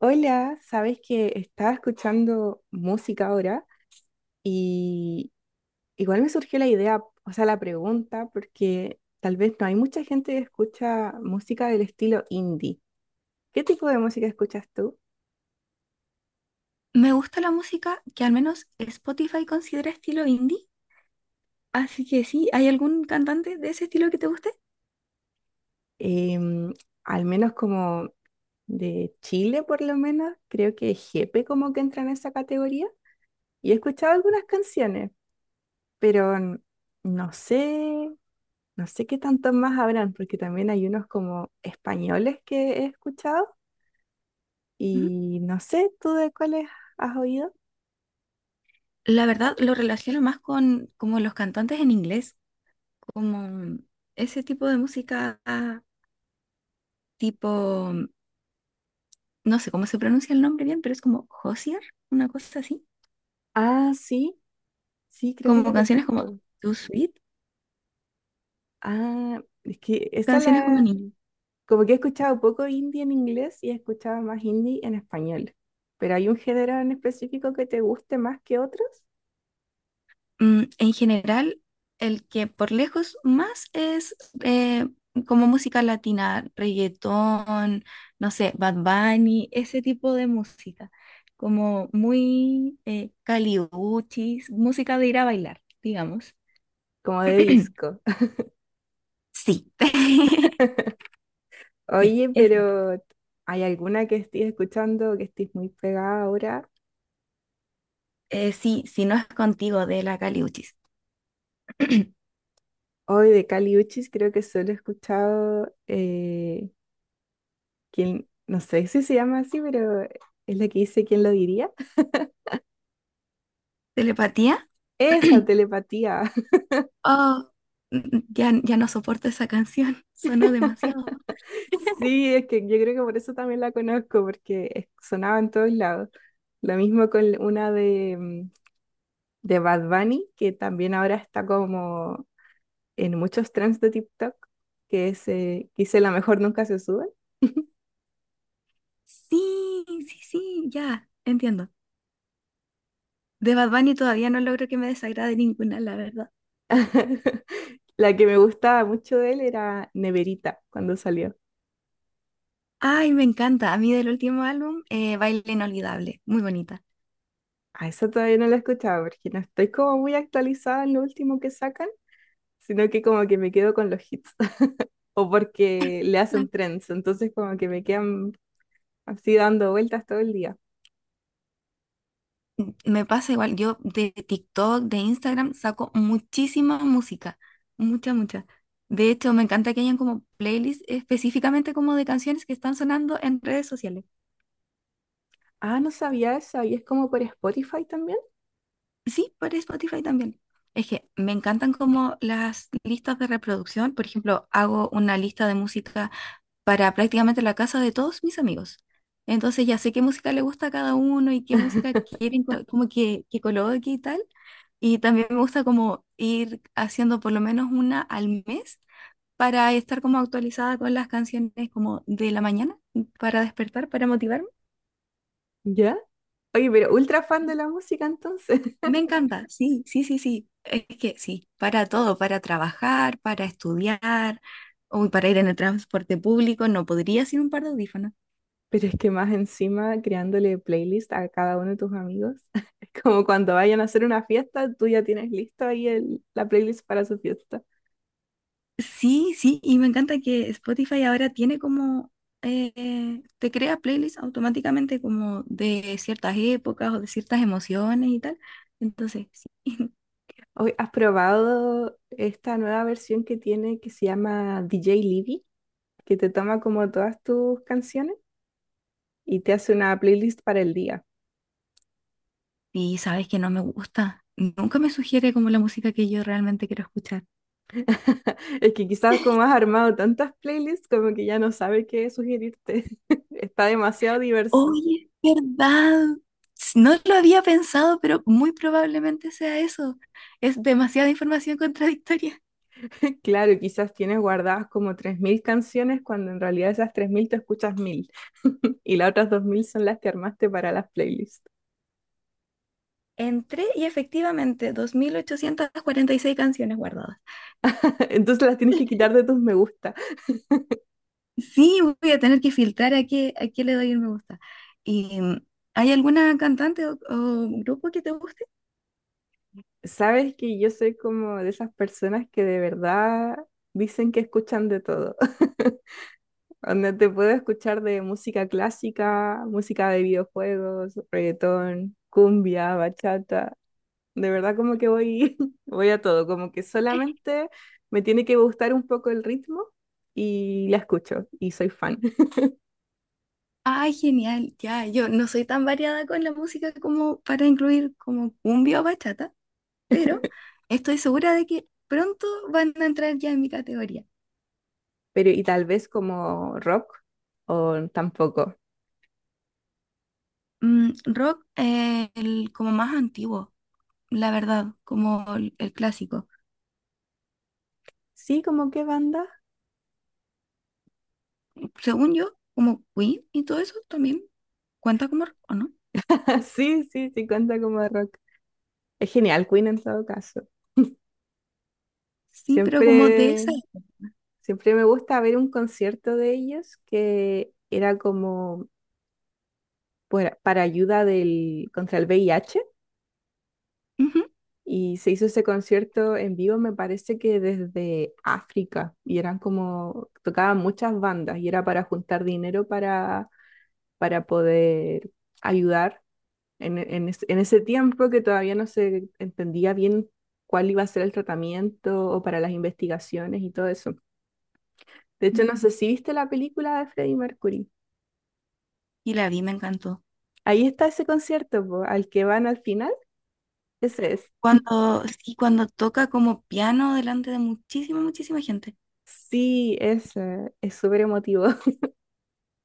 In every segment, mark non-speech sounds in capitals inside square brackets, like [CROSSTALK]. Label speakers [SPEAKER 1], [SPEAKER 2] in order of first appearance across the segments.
[SPEAKER 1] Hola, sabes que estaba escuchando música ahora y igual me surgió la idea, o sea, la pregunta, porque tal vez no hay mucha gente que escucha música del estilo indie. ¿Qué tipo de música escuchas tú?
[SPEAKER 2] Me gusta la música que al menos Spotify considera estilo indie, así que sí, ¿hay algún cantante de ese estilo que te guste?
[SPEAKER 1] Em, Al menos como de Chile, por lo menos, creo que Jepe como que entra en esa categoría. Y he escuchado algunas canciones, pero no sé, no sé qué tantos más habrán, porque también hay unos como españoles que he escuchado.
[SPEAKER 2] Ujú.
[SPEAKER 1] Y no sé, ¿tú de cuáles has oído?
[SPEAKER 2] La verdad, lo relaciono más con como los cantantes en inglés, como ese tipo de música ah, tipo, no sé cómo se pronuncia el nombre bien, pero es como Hozier, una cosa así,
[SPEAKER 1] Ah, sí, sí, creo que la
[SPEAKER 2] como canciones como
[SPEAKER 1] conozco.
[SPEAKER 2] Too Sweet,
[SPEAKER 1] Ah, es que esa
[SPEAKER 2] canciones
[SPEAKER 1] la...
[SPEAKER 2] como niños.
[SPEAKER 1] Como que he escuchado poco indie en inglés y he escuchado más indie en español. Pero hay un género en específico que te guste más que otros,
[SPEAKER 2] En general, el que por lejos más es eh, como música latina, reggaetón, no sé, Bad Bunny, ese tipo de música, como muy caliuchis, música de ir a bailar, digamos.
[SPEAKER 1] como de
[SPEAKER 2] [CLEARS THROAT]
[SPEAKER 1] disco.
[SPEAKER 2] Sí, [LAUGHS]
[SPEAKER 1] [LAUGHS]
[SPEAKER 2] sí,
[SPEAKER 1] Oye,
[SPEAKER 2] esa.
[SPEAKER 1] pero ¿hay alguna que estés escuchando o que estés muy pegada ahora?
[SPEAKER 2] Sí, si no es contigo de la caliuchis. [CLEARS THROAT]
[SPEAKER 1] Hoy de Kali Uchis creo que solo he escuchado quien, no sé si se llama así, pero es la que dice ¿Quién lo diría?
[SPEAKER 2] ¿Telepatía?
[SPEAKER 1] Esa
[SPEAKER 2] [CLEARS THROAT]
[SPEAKER 1] telepatía. [LAUGHS]
[SPEAKER 2] Oh, ya, ya no soporto esa canción, sonó demasiado.
[SPEAKER 1] Sí, es que yo creo que por eso también la conozco, porque sonaba en todos lados. Lo mismo con una de, de Bad Bunny, que también ahora está como en muchos trends de TikTok, que es Quise la mejor nunca se sube.
[SPEAKER 2] Sí, sí, sí, ya, entiendo. De Bad Bunny todavía no logro que me desagrade ninguna, la verdad.
[SPEAKER 1] [LAUGHS] La que me gustaba mucho de él era Neverita, cuando salió.
[SPEAKER 2] Ay, me encanta. A mí del último álbum, Baile Inolvidable, muy bonita.
[SPEAKER 1] A esa todavía no la he escuchado, porque no estoy como muy actualizada en lo último que sacan, sino que como que me quedo con los hits o porque le
[SPEAKER 2] La-
[SPEAKER 1] hacen trends. Entonces como que me quedan así dando vueltas todo el día.
[SPEAKER 2] Me pasa igual, yo de TikTok, de Instagram, saco muchísima música, mucha, mucha. De hecho, me encanta que hayan como playlists específicamente como de canciones que están sonando en redes sociales.
[SPEAKER 1] Ah, no sabía eso. ¿Y es como por Spotify también?
[SPEAKER 2] Sí, por Spotify también. Es que me encantan como las listas de reproducción. Por ejemplo, hago una lista de música para prácticamente la casa de todos mis amigos. Entonces ya sé qué música le gusta a cada uno y qué música como que coloque y tal. Y también me gusta como ir haciendo por lo menos una al mes para estar como actualizada con las canciones como de la mañana, para despertar, para motivarme.
[SPEAKER 1] ¿Ya? Oye, pero ultra fan de la música entonces. [LAUGHS]
[SPEAKER 2] Me encanta, sí, sí, sí, sí. Es que sí, para todo, para trabajar, para estudiar, o para ir en el transporte público, no podría sin un par de audífonos.
[SPEAKER 1] Pero es que más encima creándole playlist a cada uno de tus amigos. [LAUGHS] Es como cuando vayan a hacer una fiesta, tú ya tienes listo ahí la playlist para su fiesta.
[SPEAKER 2] Sí, sí, y me encanta que Spotify ahora tiene como, te crea playlists automáticamente como de ciertas épocas o de ciertas emociones y tal. Entonces, sí. [LAUGHS]
[SPEAKER 1] Oye, ¿has probado esta nueva versión que tiene que se llama DJ Libby? Que te toma como todas tus canciones y te hace una playlist para el día.
[SPEAKER 2] Y sabes que no me gusta. Nunca me sugiere como la música que yo realmente quiero escuchar.
[SPEAKER 1] [LAUGHS] Es que quizás como has armado tantas playlists, como que ya no sabe qué sugerirte. [LAUGHS] Está demasiado diverso.
[SPEAKER 2] Oye, es verdad. No lo había pensado, pero muy probablemente sea eso. Es demasiada información [LAUGHS] contradictoria.
[SPEAKER 1] Claro, quizás tienes guardadas como 3.000 canciones cuando en realidad esas 3.000 te escuchas 1.000 [LAUGHS] y las otras 2.000 son las que armaste para las playlists.
[SPEAKER 2] Entré y efectivamente, 2.846 canciones guardadas.
[SPEAKER 1] [LAUGHS] Entonces las tienes que quitar de tus me gusta.
[SPEAKER 2] Sí, voy a tener que filtrar a qué le doy el me gusta. Y, mm, ¿Hay alguna cantante o grupo que te guste?
[SPEAKER 1] Sabes que yo soy como de esas personas que de verdad dicen que escuchan de todo. [LAUGHS] Donde te puedo escuchar de música clásica, música de videojuegos, reggaetón, cumbia, bachata. De verdad como que voy, [LAUGHS] voy a todo, como que solamente me tiene que gustar un poco el ritmo y la escucho y soy fan. [LAUGHS]
[SPEAKER 2] Ay, genial, ya, yo no soy tan variada con la música como para incluir como cumbia o bachata, pero estoy segura de que pronto van a entrar ya en mi categoría.
[SPEAKER 1] Pero y tal vez como rock o tampoco.
[SPEAKER 2] Rock, el como más antiguo, la verdad, como el clásico.
[SPEAKER 1] Sí, como qué banda.
[SPEAKER 2] Según yo, como Queen y todo eso también cuenta como rock, ¿o no?
[SPEAKER 1] [LAUGHS] Sí, sí, sí cuenta como rock. Es genial, Queen en todo caso.
[SPEAKER 2] Sí, pero como de
[SPEAKER 1] Siempre,
[SPEAKER 2] esa.
[SPEAKER 1] siempre me gusta ver un concierto de ellos que era como para ayuda del, contra el VIH
[SPEAKER 2] Ujú.
[SPEAKER 1] y se hizo ese concierto en vivo, me parece que desde África y eran como, tocaban muchas bandas y era para juntar dinero para poder ayudar en en ese tiempo que todavía no se entendía bien cuál iba a ser el tratamiento o para las investigaciones y todo eso. De hecho, no sé si viste la película de Freddie Mercury.
[SPEAKER 2] Y la vi, me encantó.
[SPEAKER 1] Ahí está ese concierto, po, al que van al final, ese es.
[SPEAKER 2] Cuando, sí, cuando toca como piano delante de muchísima, muchísima gente.
[SPEAKER 1] Sí, es súper emotivo. [LAUGHS]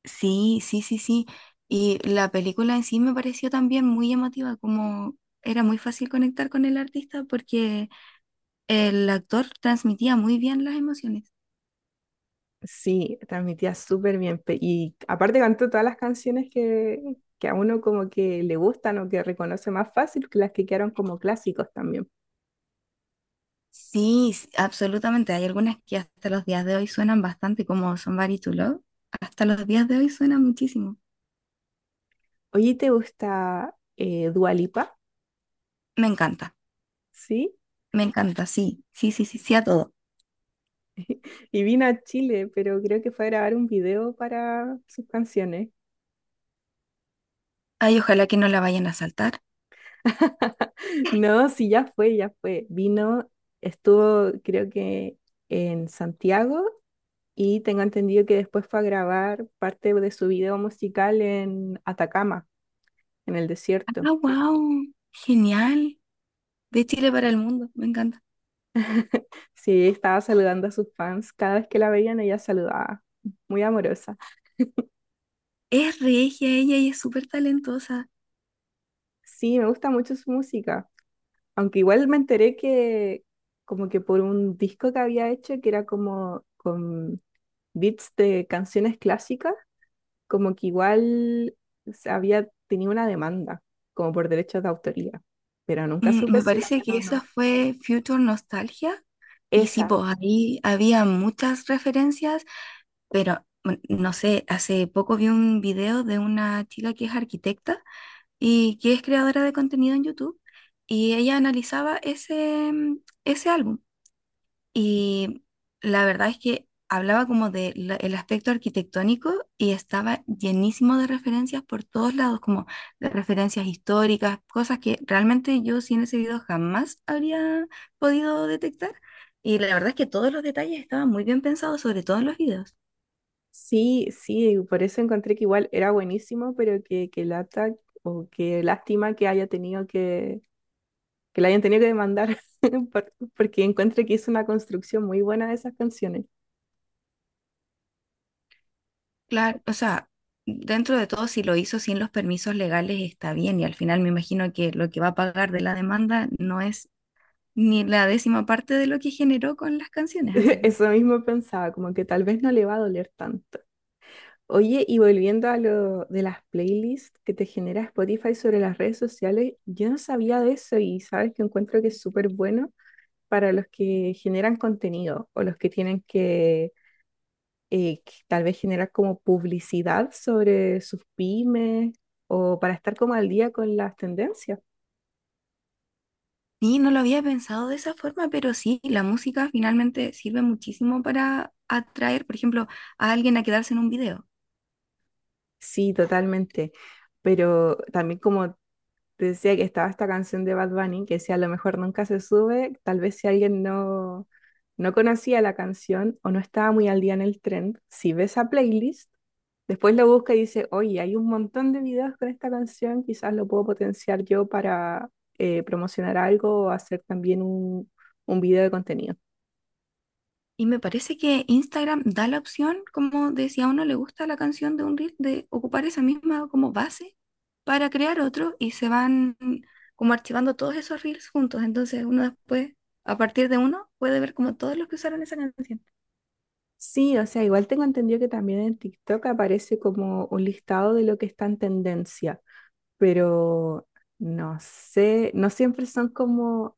[SPEAKER 2] Sí, sí, sí, sí. Y la película en sí me pareció también muy llamativa, como era muy fácil conectar con el artista porque el actor transmitía muy bien las emociones.
[SPEAKER 1] Sí, transmitía súper bien. Y aparte cantó todas las canciones que a uno como que le gustan o que reconoce más fácil que las que quedaron como clásicos también.
[SPEAKER 2] Sí, absolutamente. Hay algunas que hasta los días de hoy suenan bastante, como Somebody to Love. Hasta los días de hoy suena muchísimo.
[SPEAKER 1] Oye, ¿te gusta Dua Lipa?
[SPEAKER 2] Me encanta,
[SPEAKER 1] Sí.
[SPEAKER 2] me encanta, sí, sí, sí, sí, sí a todo.
[SPEAKER 1] Y vino a Chile, pero creo que fue a grabar un video para sus canciones.
[SPEAKER 2] Ay, ojalá que no la vayan a saltar.
[SPEAKER 1] [LAUGHS] No, sí, ya fue, ya fue. Vino, estuvo creo que en Santiago y tengo entendido que después fue a grabar parte de su video musical en Atacama, en el desierto.
[SPEAKER 2] Ah, wow, genial. De Chile para el mundo, me encanta.
[SPEAKER 1] Sí, estaba saludando a sus fans. Cada vez que la veían, ella saludaba. Muy amorosa.
[SPEAKER 2] Es regia ella y es súper talentosa.
[SPEAKER 1] Sí, me gusta mucho su música. Aunque igual me enteré que como que por un disco que había hecho que era como con beats de canciones clásicas, como que igual se había tenido una demanda, como por derechos de autoría, pero nunca supe
[SPEAKER 2] Me
[SPEAKER 1] si la
[SPEAKER 2] parece que
[SPEAKER 1] ganó o
[SPEAKER 2] esa
[SPEAKER 1] no.
[SPEAKER 2] fue Future Nostalgia. Y sí, pues
[SPEAKER 1] Esa.
[SPEAKER 2] ahí había muchas referencias, pero bueno, no sé, hace poco vi un video de una chica que es arquitecta y que es creadora de contenido en YouTube. Y ella analizaba ese ese álbum. Y la verdad es que hablaba como de el aspecto arquitectónico y estaba llenísimo de referencias por todos lados, como de referencias históricas, cosas que realmente yo sin ese video jamás habría podido detectar. Y la verdad es que todos los detalles estaban muy bien pensados, sobre todo en los videos.
[SPEAKER 1] Sí, sí, por eso encontré que igual era buenísimo, pero que lata o que lástima que haya tenido que la hayan tenido que demandar, [LAUGHS] porque encuentro que hizo una construcción muy buena de esas canciones.
[SPEAKER 2] Claro, o sea, dentro de todo, si lo hizo sin los permisos legales está bien y al final me imagino que lo que va a pagar de la demanda no es ni la décima parte de lo que generó con las
[SPEAKER 1] [LAUGHS]
[SPEAKER 2] canciones, así que...
[SPEAKER 1] Eso mismo pensaba, como que tal vez no le va a doler tanto. Oye, y volviendo a lo de las playlists que te genera Spotify sobre las redes sociales, yo no sabía de eso y sabes que encuentro que es súper bueno para los que generan contenido o los que tienen que tal vez generar como publicidad sobre sus pymes o para estar como al día con las tendencias.
[SPEAKER 2] Sí, no lo había pensado de esa forma, pero sí, la música finalmente sirve muchísimo para atraer, por ejemplo, a alguien a quedarse en un video.
[SPEAKER 1] Sí, totalmente. Pero también como te decía que estaba esta canción de Bad Bunny, que decía a lo mejor nunca se sube, tal vez si alguien no, no conocía la canción o no estaba muy al día en el trend, si ves a playlist, después lo busca y dice, oye, hay un montón de videos con esta canción, quizás lo puedo potenciar yo para promocionar algo o hacer también un video de contenido.
[SPEAKER 2] Y me parece que Instagram da la opción, como de si a uno le gusta la canción de un reel, de ocupar esa misma como base para crear otro y se van como archivando todos esos reels juntos. Entonces uno después, a partir de uno, puede ver como todos los que usaron esa canción.
[SPEAKER 1] Sí, o sea, igual tengo entendido que también en TikTok aparece como un listado de lo que está en tendencia, pero no sé, no siempre son como,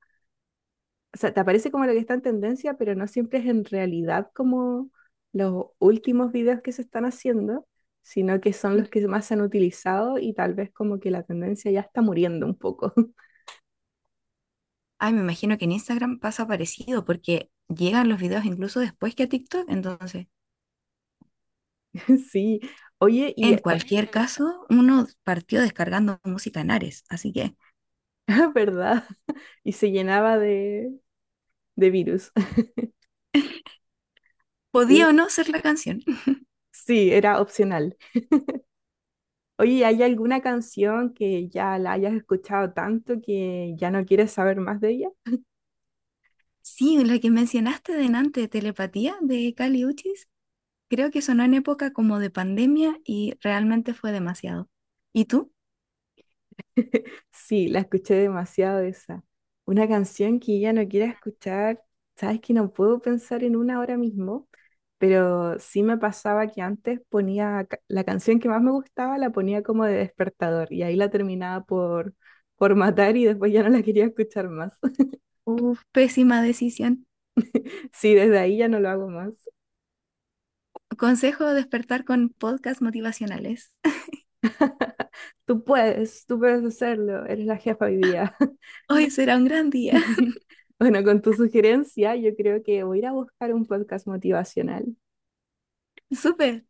[SPEAKER 1] o sea, te aparece como lo que está en tendencia, pero no siempre es en realidad como los últimos videos que se están haciendo, sino que son
[SPEAKER 2] Mm.
[SPEAKER 1] los que más se han utilizado y tal vez como que la tendencia ya está muriendo un poco.
[SPEAKER 2] Ay, me imagino que en Instagram pasa parecido porque llegan los videos incluso después que a TikTok, entonces.
[SPEAKER 1] [LAUGHS] Sí, oye, y
[SPEAKER 2] En
[SPEAKER 1] esta-
[SPEAKER 2] cualquier Buenísimo. Caso, uno partió descargando música en Ares, así que
[SPEAKER 1] [LAUGHS] ¿verdad? Y se llenaba de virus. [LAUGHS]
[SPEAKER 2] podía o
[SPEAKER 1] Oye,
[SPEAKER 2] no ser la canción. [LAUGHS]
[SPEAKER 1] sí, era opcional. Oye, ¿y ¿hay alguna canción que ya la hayas escuchado tanto que ya no quieres saber más de ella?
[SPEAKER 2] Sí, la que mencionaste delante, Telepatía de Cali Uchis, creo que sonó en época como de pandemia y realmente fue demasiado. ¿Y tú?
[SPEAKER 1] [LAUGHS] Sí, la escuché demasiado esa. Una canción que ya no quiera escuchar, sabes que no puedo pensar en una ahora mismo, pero sí me pasaba que antes ponía la canción que más me gustaba, la ponía como de despertador y ahí la terminaba por matar y después ya no la quería escuchar más. [LAUGHS]
[SPEAKER 2] Uf, pésima decisión.
[SPEAKER 1] Sí, desde ahí ya no lo hago más.
[SPEAKER 2] Consejo despertar con podcasts motivacionales. [LAUGHS]
[SPEAKER 1] [LAUGHS] Tú puedes hacerlo, eres la jefa hoy día.
[SPEAKER 2] Hoy será un gran día.
[SPEAKER 1] [LAUGHS] Bueno, con tu sugerencia, yo creo que voy a ir a buscar un podcast motivacional
[SPEAKER 2] [LAUGHS] Súper.